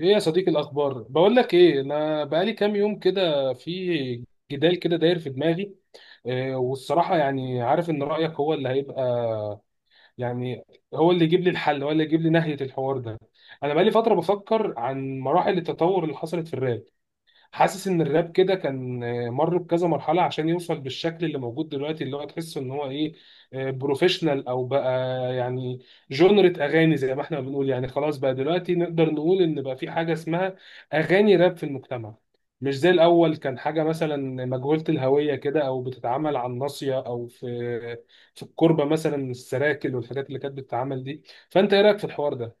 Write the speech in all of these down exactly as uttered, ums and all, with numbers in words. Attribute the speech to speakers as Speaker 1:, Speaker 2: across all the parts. Speaker 1: ايه يا صديقي، الاخبار؟ بقول لك ايه، انا بقالي كام يوم كده في جدال كده داير في دماغي. إيه، والصراحه يعني عارف ان رايك هو اللي هيبقى، يعني هو اللي يجيب لي الحل، هو اللي يجيب لي نهايه الحوار ده. انا بقالي فتره بفكر عن مراحل التطور اللي حصلت في الراب. حاسس ان الراب كده كان آه، مر بكذا مرحله عشان يوصل بالشكل اللي موجود دلوقتي، اللي هو تحسه ان هو ايه، بروفيشنال او بقى يعني جونرة اغاني زي ما احنا بنقول. يعني خلاص بقى دلوقتي نقدر نقول ان بقى في حاجه اسمها اغاني راب في المجتمع، مش زي الاول كان حاجه مثلا مجهوله الهويه كده، او بتتعمل على الناصيه او في في الكوربه مثلا، السراكل والحاجات اللي كانت بتتعمل دي. فانت ايه رايك في الحوار ده؟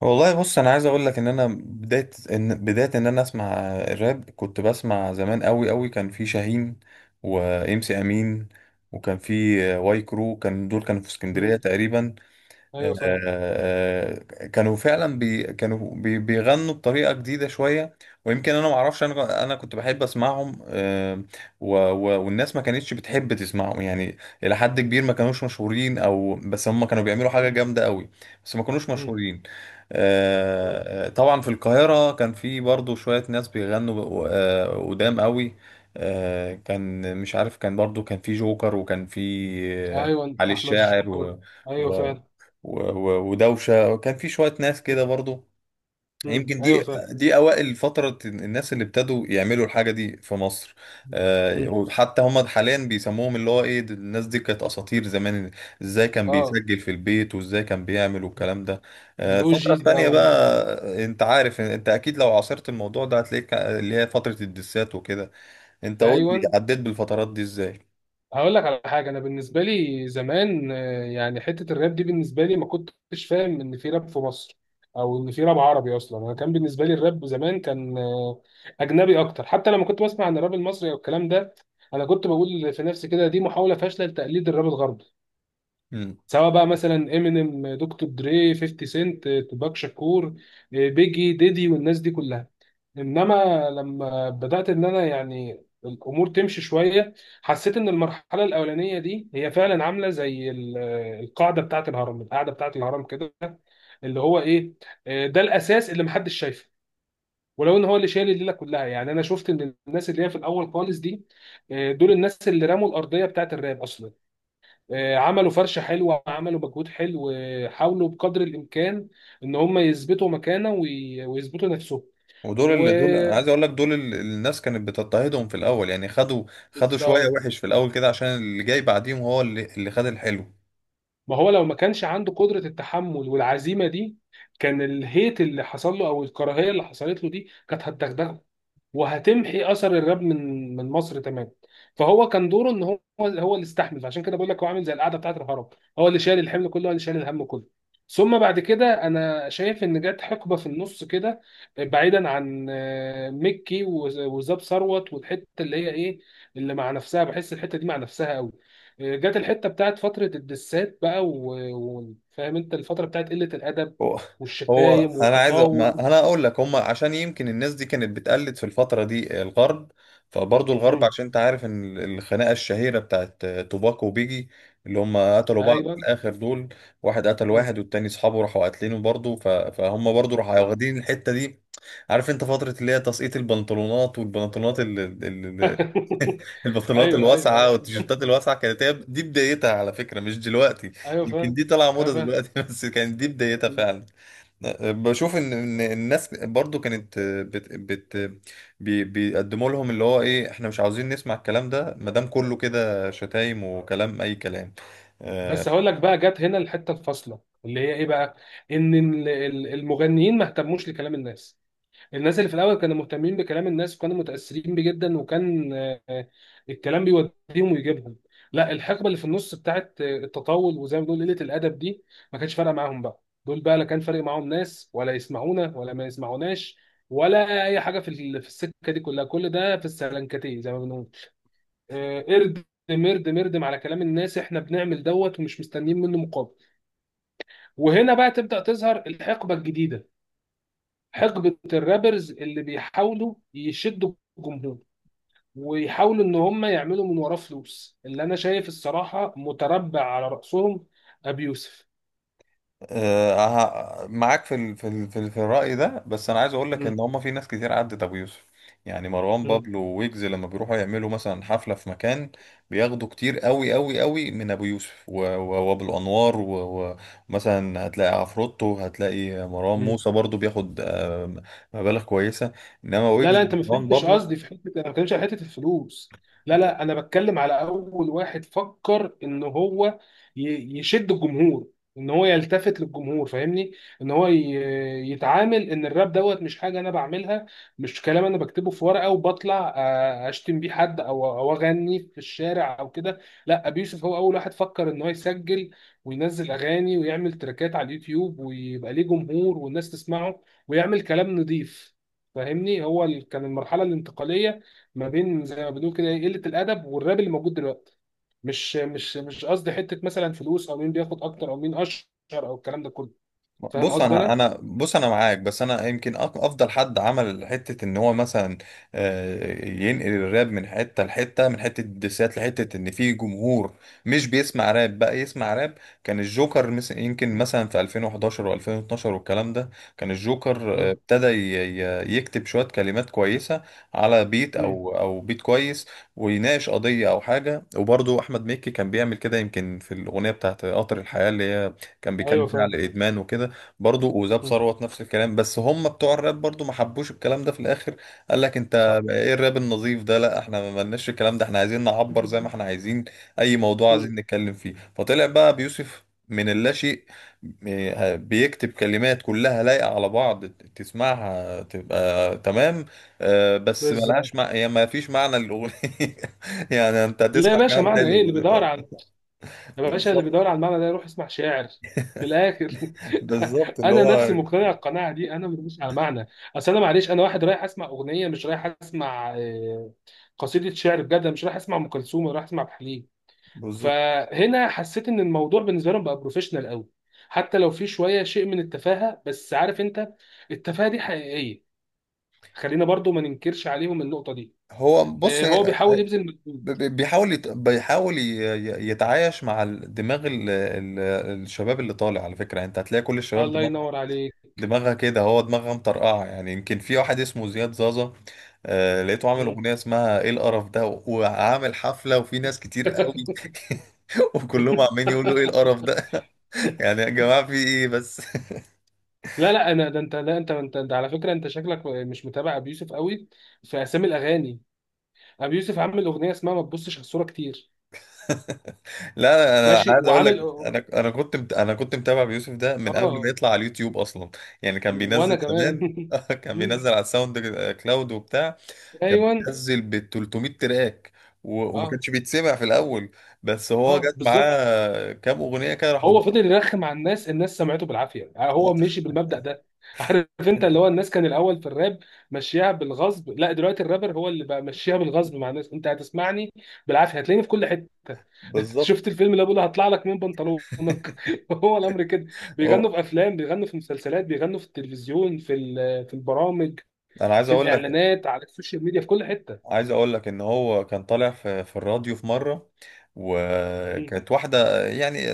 Speaker 2: والله بص، انا عايز اقول لك ان انا بدايه ان بدايه ان انا اسمع الراب. كنت بسمع زمان قوي قوي. كان في شاهين وامسي امين، وكان في واي كرو. كان دول كانوا في اسكندريه
Speaker 1: مم.
Speaker 2: تقريبا. آه،
Speaker 1: ايوه فاهم.
Speaker 2: آه، كانوا فعلا بي كانوا بي بيغنوا بطريقة جديدة شوية. ويمكن انا ما اعرفش، انا انا كنت بحب اسمعهم. آه، و و والناس ما كانتش بتحب تسمعهم يعني، الى حد كبير ما كانوش مشهورين، او بس هم كانوا بيعملوا حاجة
Speaker 1: مم.
Speaker 2: جامدة قوي. بس ما كانوش مشهورين.
Speaker 1: مم.
Speaker 2: آه، طبعا في القاهرة كان في برضو شوية ناس بيغنوا آه، قدام قوي. آه، كان مش عارف، كان برضو كان في جوكر، وكان في آه،
Speaker 1: ايوه،
Speaker 2: علي
Speaker 1: احمد
Speaker 2: الشاعر،
Speaker 1: الجوكر.
Speaker 2: و...
Speaker 1: ايوه
Speaker 2: و-
Speaker 1: فعلا.
Speaker 2: و- ودوشه وكان في شويه ناس
Speaker 1: مم.
Speaker 2: كده برضو.
Speaker 1: مم.
Speaker 2: يمكن
Speaker 1: ايوه
Speaker 2: دي،
Speaker 1: فعلا.
Speaker 2: دي اوائل فتره الناس اللي ابتدوا يعملوا الحاجه دي في مصر. آه،
Speaker 1: مم.
Speaker 2: وحتى هم حاليا بيسموهم اللي هو ايه، د- الناس دي كانت اساطير زمان. ازاي كان
Speaker 1: اه.
Speaker 2: بيسجل في البيت وازاي كان بيعمل والكلام ده. آه،
Speaker 1: الاو
Speaker 2: الفتره
Speaker 1: جيز بقى
Speaker 2: التانيه بقى،
Speaker 1: والناس دي.
Speaker 2: آه، انت عارف، انت اكيد لو عاصرت الموضوع ده هتلاقيك اللي هي فتره الدسات وكده. انت قول لي،
Speaker 1: ايوه.
Speaker 2: عديت بالفترات دي ازاي؟
Speaker 1: هقول لك على حاجه، انا بالنسبه لي زمان آه، يعني حته الراب دي بالنسبه لي ما كنتش فاهم ان في راب في مصر، او ان في راب عربي اصلا. انا كان بالنسبه لي الراب زمان كان آه، اجنبي اكتر. حتى لما كنت بسمع عن الراب المصري او الكلام ده، انا كنت بقول في نفسي كده دي محاوله فاشله لتقليد الراب الغربي، سواء بقى مثلا امينيم، دكتور دري، خمسين سنت، توباك شاكور، آه، بيجي ديدي والناس دي كلها. انما لما بدات ان انا يعني الامور تمشي شويه، حسيت ان المرحله الاولانيه دي هي فعلا عامله زي ال- القاعده بتاعه الهرم، القاعده بتاعه الهرم كده، اللي هو ايه، آه، ده الاساس اللي محدش شايفه، ولو ان هو اللي شايل الليله كلها. يعني انا شفت ان الناس اللي هي في الاول خالص دي، آه، دول الناس اللي رموا الارضيه بتاعه الراب اصلا. آه، عملوا فرشة حلوة، عملوا مجهود حلو، آه، حاولوا بقدر الإمكان إن هم يثبتوا مكانة وي- ويثبتوا نفسهم.
Speaker 2: ودول، اللي دول، انا عايز
Speaker 1: وبالظبط.
Speaker 2: اقول لك، دول اللي الناس كانت بتضطهدهم في الاول. يعني خدوا خدوا شويه وحش في الاول كده، عشان اللي جاي بعديهم هو اللي اللي خد الحلو.
Speaker 1: ما هو لو ما كانش عنده قدرة التحمل والعزيمة دي، كان الهيت اللي حصل له أو الكراهية اللي حصلت له دي كانت هتدغدغه وهتمحي اثر الراب من من مصر تماما. فهو كان دوره ان هو هو اللي استحمل. عشان كده بقول لك هو عامل زي القعده بتاعت الهرم، هو اللي شايل الحمل كله، هو اللي شايل الهم كله. ثم بعد كده انا شايف ان جت حقبه في النص كده، بعيدا عن آه، مكي و- وزاب ثروت والحته اللي هي ايه، اللي مع نفسها، بحس الحته دي مع نفسها قوي. آه، جت الحته بتاعت فتره الدسات بقى. وفاهم انت الفتره بتاعت قله الادب
Speaker 2: هو هو
Speaker 1: والشتايم
Speaker 2: انا عايز أ-
Speaker 1: والتطاول.
Speaker 2: ما انا اقول لك، هم عشان يمكن الناس دي كانت بتقلد في الفتره دي الغرب، فبرضه الغرب،
Speaker 1: مم.
Speaker 2: عشان انت عارف ان الخناقه الشهيره بتاعت توباك وبيجي، اللي هم قتلوا بعض في
Speaker 1: ايوه.
Speaker 2: الاخر دول. واحد قتل
Speaker 1: مم.
Speaker 2: واحد، والتاني اصحابه راحوا قاتلينه برضه، ف- فهم برضه راحوا
Speaker 1: صح.
Speaker 2: واخدين الحته دي. عارف انت فتره اللي هي تسقيط البنطلونات، والبنطلونات ال... ال... ال... البنطلونات
Speaker 1: ايوه ايوه
Speaker 2: الواسعه
Speaker 1: ايوه.
Speaker 2: والتيشيرتات الواسعه كانت هي دي بدايتها على فكره، مش دلوقتي.
Speaker 1: ايوه
Speaker 2: يمكن دي
Speaker 1: فاهم.
Speaker 2: طالعه موضه
Speaker 1: أيوة فاهم.
Speaker 2: دلوقتي، بس كانت دي بدايتها فعلا. بشوف ان ان الناس برضو كانت بت بت بي بيقدموا لهم اللي هو ايه، احنا مش عاوزين نسمع الكلام ده ما دام كله كده شتايم وكلام، اي كلام. آه،
Speaker 1: بس هقول لك بقى، جت هنا الحته الفاصله اللي هي ايه بقى، ان ال- ال- المغنيين ما اهتموش لكلام الناس. الناس اللي في الاول كانوا مهتمين بكلام الناس وكانوا متاثرين بيه جدا، وكان آه، آه، الكلام بيوديهم ويجيبهم. لا، الحقبه اللي في النص بتاعت آه، التطول وزي ما بنقول قله الادب دي ما كانش فارقه معاهم بقى. دول بقى لا كان فارق معاهم ناس ولا يسمعونا ولا ما يسمعوناش، ولا اي حاجه في ال- في السكه دي كلها. كل ده في السلنكتيه زي ما بنقول، آه، اردم اردم اردم على كلام الناس، احنا بنعمل دوت ومش مستنيين منه مقابل. وهنا بقى تبدأ تظهر الحقبة الجديدة، حقبة الرابرز اللي بيحاولوا يشدوا الجمهور، ويحاولوا ان هم يعملوا من وراه فلوس، اللي انا شايف الصراحة متربع على رأسهم ابي يوسف.
Speaker 2: آه، معاك في ال في ال في, ال في الرأي ده، بس انا عايز اقول لك
Speaker 1: مم.
Speaker 2: ان هم في ناس كتير عدت ابو يوسف. يعني مروان بابلو ويجز لما بيروحوا يعملوا مثلا حفلة في مكان، بياخدوا كتير قوي قوي قوي من ابو يوسف و- و- وابو انوار. ومثلا هتلاقي عفروتو، هتلاقي مروان
Speaker 1: مم.
Speaker 2: موسى برضو بياخد آه، مبالغ كويسة، انما
Speaker 1: لا
Speaker 2: ويجز
Speaker 1: لا، انت ما
Speaker 2: ومروان
Speaker 1: فهمتش
Speaker 2: بابلو.
Speaker 1: قصدي في حته. انا ما بتكلمش على حته الفلوس. لا لا، انا بتكلم على اول واحد فكر ان هو ي- يشد الجمهور، ان هو يلتفت للجمهور، فاهمني، ان هو ي- يتعامل ان الراب دوت مش حاجه انا بعملها، مش كلام انا بكتبه في ورقه وبطلع آه، اشتم بيه حد او او اغني في الشارع او كده. لا، ابي يوسف هو اول واحد فكر ان هو يسجل وينزل اغاني ويعمل تراكات على اليوتيوب ويبقى ليه جمهور والناس تسمعه ويعمل كلام نضيف. فاهمني، هو ال- كان المرحله الانتقاليه ما بين زي ما بنقول كده إيه، قله الادب والراب اللي موجود دلوقتي. مش مش مش قصدي حته مثلا فلوس، او مين بياخد اكتر او مين اشهر، او الكلام ده كله. فاهم
Speaker 2: بص
Speaker 1: قصدي
Speaker 2: انا
Speaker 1: انا.
Speaker 2: انا بص انا معاك، بس انا يمكن أك- افضل حد عمل حته ان هو مثلا آه، ينقل الراب من حته لحته، من حته الدسات لحته ان في جمهور مش بيسمع راب بقى يسمع راب. كان الجوكر مس- يمكن
Speaker 1: مم.
Speaker 2: مثلا في ألفين وحداشر و2012 والكلام ده. كان الجوكر آه،
Speaker 1: مم.
Speaker 2: ابتدى ي- ي- يكتب شويه كلمات كويسه على بيت
Speaker 1: مم.
Speaker 2: او او بيت كويس، ويناقش قضيه او حاجه. وبرضه احمد مكي كان بيعمل كده، يمكن في الاغنيه بتاعت قطر الحياه اللي هي كان بيتكلم
Speaker 1: ايوه
Speaker 2: فيها على
Speaker 1: فاهم.
Speaker 2: الادمان وكده. برضو وزاب
Speaker 1: مم.
Speaker 2: ثروت نفس الكلام، بس هم بتوع الراب برضو ما حبوش الكلام ده في الاخر. قال لك انت
Speaker 1: صح.
Speaker 2: بقى ايه الراب النظيف ده، لا احنا ما لناش الكلام ده، احنا عايزين نعبر زي ما احنا عايزين اي موضوع
Speaker 1: مم.
Speaker 2: عايزين نتكلم فيه. فطلع بقى بيوسف من اللاشيء، م- بيكتب كلمات كلها لايقة على بعض، تسمعها تبقى تمام. آه، بس
Speaker 1: بالظبط.
Speaker 2: ملهاش مع... هي ما فيش معنى للأغنية. يعني انت
Speaker 1: لا يا
Speaker 2: هتسمع
Speaker 1: باشا،
Speaker 2: كلام
Speaker 1: معنى ايه
Speaker 2: حلو.
Speaker 1: اللي بيدور على، يا باشا اللي
Speaker 2: بالظبط.
Speaker 1: بيدور على المعنى ده يروح يسمع شاعر. من الاخر.
Speaker 2: بالظبط اللي
Speaker 1: انا نفسي
Speaker 2: هو،
Speaker 1: مقتنع القناعه دي، انا مش على معنى. اصل انا معلش انا واحد رايح اسمع اغنيه، مش رايح اسمع آه، قصيده شعر بجد. أنا مش رايح اسمع ام كلثوم، أنا رايح اسمع عبد الحليم.
Speaker 2: بالظبط.
Speaker 1: فهنا حسيت ان الموضوع بالنسبه لهم بقى بروفيشنال قوي، حتى لو في شويه شيء من التفاهه، بس عارف انت، التفاهه دي حقيقيه، خلينا برضو ما ننكرش عليهم النقطه دي.
Speaker 2: هو بص،
Speaker 1: آه، هو بيحاول يبذل
Speaker 2: ب-
Speaker 1: مجهود.
Speaker 2: ب- بيحاول يت... بيحاول ي- ي- يتعايش مع ال- دماغ ال... ال... الشباب اللي طالع على فكرة. يعني انت هتلاقي كل الشباب
Speaker 1: الله
Speaker 2: دماغ...
Speaker 1: ينور عليك.
Speaker 2: دماغها كده. هو دماغها مطرقعة، يعني يمكن في واحد اسمه زياد زازا. آه... لقيته عامل
Speaker 1: مم.
Speaker 2: أغنية اسمها ايه القرف ده، و- وعامل حفلة وفي ناس كتير قوي. وكلهم عمالين يقولوا ايه القرف ده. يعني يا جماعة في ايه بس؟
Speaker 1: لا لا، انا ده انت. لا انت انت ده على فكره، انت شكلك مش متابع ابي يوسف قوي في اسامي الاغاني. ابي يوسف عامل اغنيه اسمها ما تبصش على الصوره كتير.
Speaker 2: لا انا
Speaker 1: ماشي
Speaker 2: عايز اقول لك،
Speaker 1: وعامل.
Speaker 2: انا انا كنت مت... انا كنت متابع بيوسف ده من قبل ما
Speaker 1: اه.
Speaker 2: يطلع على اليوتيوب اصلا. يعني كان بينزل
Speaker 1: وانا كمان.
Speaker 2: زمان، كان
Speaker 1: مم.
Speaker 2: بينزل على الساوند كلاود وبتاع. كان
Speaker 1: ايوه.
Speaker 2: بينزل ب تلتمية تراك، و... وما
Speaker 1: اه.
Speaker 2: كانش بيتسمع في الاول. بس هو
Speaker 1: اه
Speaker 2: جت
Speaker 1: بالظبط.
Speaker 2: معاه كام اغنيه كده راحوا
Speaker 1: هو
Speaker 2: ض-
Speaker 1: فضل يرخم على الناس، الناس سمعته بالعافيه. يعني هو مشي بالمبدأ ده. عارف انت اللي هو الناس كان الاول في الراب مشيها بالغصب. لا دلوقتي الرابر هو اللي بقى مشيها بالغصب مع الناس. انت هتسمعني بالعافيه، هتلاقيني في كل حته.
Speaker 2: بالظبط.
Speaker 1: شفت الفيلم اللي بقوله هطلع لك من بنطلونك؟ هو الامر كده.
Speaker 2: هو-
Speaker 1: بيغنوا في افلام، بيغنوا في مسلسلات، بيغنوا في التلفزيون، في ال- في البرامج،
Speaker 2: انا عايز
Speaker 1: في
Speaker 2: اقول لك
Speaker 1: الاعلانات، على السوشيال ميديا، في كل حته.
Speaker 2: عايز اقول لك ان هو كان طالع في في الراديو في مره،
Speaker 1: م-
Speaker 2: وكانت واحده يعني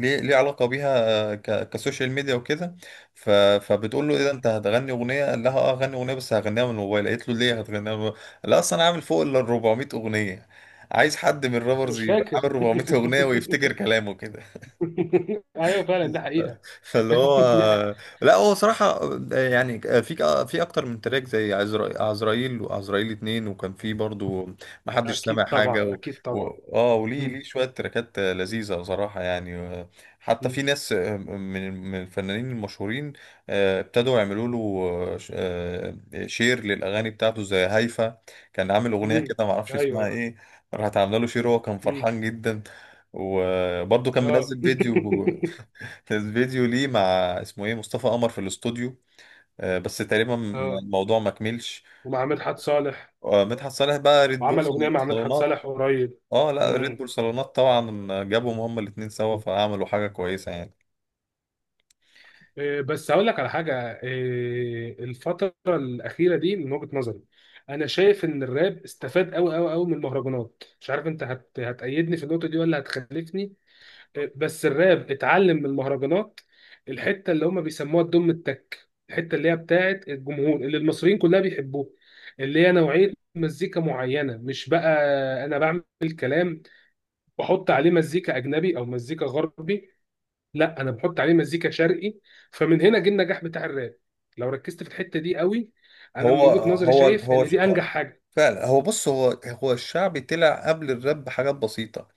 Speaker 2: ليه ليه علاقه بيها ك- كسوشيال ميديا وكده. ف- فبتقول له ايه ده،
Speaker 1: م-
Speaker 2: انت هتغني اغنيه؟ قال لها اه هغني اغنيه، بس هغنيها من الموبايل. قالت له ليه هتغنيها من الموبايل؟ لا اصل انا عامل فوق ال أربعمئة اغنيه. عايز حد من الرابرز
Speaker 1: مش
Speaker 2: يبقى
Speaker 1: فاكر.
Speaker 2: عامل اربعمية اغنيه ويفتكر كلامه كده؟
Speaker 1: ايوه فعلا دي حقيقه.
Speaker 2: فاللي هو.
Speaker 1: دي
Speaker 2: لا هو صراحة يعني في في أكتر من تراك زي عزرا- عزرائيل وعزرائيل اتنين، وكان في برضو محدش سامع
Speaker 1: اكيد
Speaker 2: حاجة،
Speaker 1: طبعا،
Speaker 2: و...
Speaker 1: اكيد
Speaker 2: و...
Speaker 1: طبعا.
Speaker 2: اه وليه ليه
Speaker 1: مم.
Speaker 2: شوية تراكات لذيذة صراحة يعني. حتى
Speaker 1: مم.
Speaker 2: في ناس من من الفنانين المشهورين آه، ابتدوا يعملوا له آه، شير للأغاني بتاعته، زي هيفا كان عامل أغنية
Speaker 1: مم.
Speaker 2: كده معرفش اسمها
Speaker 1: ايوه.
Speaker 2: ايه. راحت عاملة له شير، وهو كان
Speaker 1: مم.
Speaker 2: فرحان جدا. وبرضه كان
Speaker 1: اه.
Speaker 2: منزل فيديو. كان فيديو ليه مع، اسمه ايه، مصطفى قمر في الاستوديو. آه، بس تقريبا م-
Speaker 1: اه.
Speaker 2: الموضوع ما كملش.
Speaker 1: ومع مدحت صالح.
Speaker 2: آه، مدحت صالح بقى ريد بول
Speaker 1: وعمل اغنيه مع مدحت
Speaker 2: صالونات.
Speaker 1: صالح قريب.
Speaker 2: اه لا ريد
Speaker 1: مم.
Speaker 2: بول صالونات. طبعا جابهم هما الاتنين سوا، فعملوا حاجة كويسة يعني.
Speaker 1: إيه، بس هقول لك على حاجه. إيه، الفتره الاخيره دي من وجهه نظري، انا شايف ان الراب استفاد قوي قوي قوي من المهرجانات. مش عارف انت هت... هتأيدني في النقطه دي ولا هتخالفني، بس الراب اتعلم من المهرجانات. الحته اللي هم بيسموها الدم التك، الحته اللي هي بتاعت الجمهور اللي المصريين كلها بيحبوها، اللي هي نوعيه مزيكا معينه. مش بقى انا بعمل كلام بحط عليه مزيكا اجنبي او مزيكا غربي، لا انا بحط عليه مزيكا شرقي. فمن هنا جه النجاح بتاع الراب. لو ركزت في الحته دي قوي، انا من
Speaker 2: هو
Speaker 1: وجهه نظري
Speaker 2: هو
Speaker 1: شايف
Speaker 2: هو
Speaker 1: ان دي انجح حاجه.
Speaker 2: فعلا، هو بص، هو هو الشعبي طلع قبل الراب بحاجات بسيطة.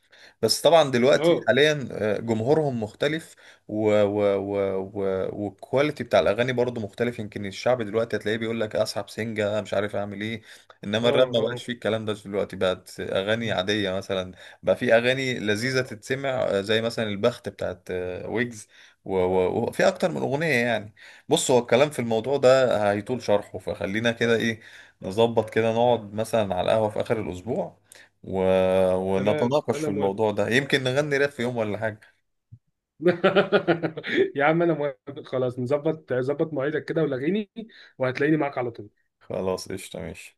Speaker 2: بس طبعا دلوقتي
Speaker 1: اه.
Speaker 2: حاليا آه، جمهورهم مختلف و و و و والكواليتي بتاع الاغاني برضو مختلف. يمكن الشعب دلوقتي هتلاقيه بيقول لك اسحب سنجة مش عارف اعمل ايه،
Speaker 1: اه.
Speaker 2: انما الراب ما
Speaker 1: اه. آه.
Speaker 2: بقاش فيه الكلام ده دلوقتي، بقت اغاني عادية مثلا. بقى في اغاني لذيذة تتسمع آه، زي مثلا البخت بتاعت آه، ويجز، و- و- وفي اكتر من اغنية يعني. بص هو الكلام في الموضوع ده هيطول شرحه، فخلينا كده ايه، نظبط كده نقعد مثلا على القهوة في اخر الاسبوع، و...
Speaker 1: تمام
Speaker 2: ونتناقش في
Speaker 1: انا موافق.
Speaker 2: الموضوع ده، يمكن نغني راب في يوم ولا حاجة.
Speaker 1: يا عم انا موافق، خلاص نظبط، ظبط مواعيدك كده ولغيني وهتلاقيني معاك على طول.
Speaker 2: خلاص قشطة، ماشي.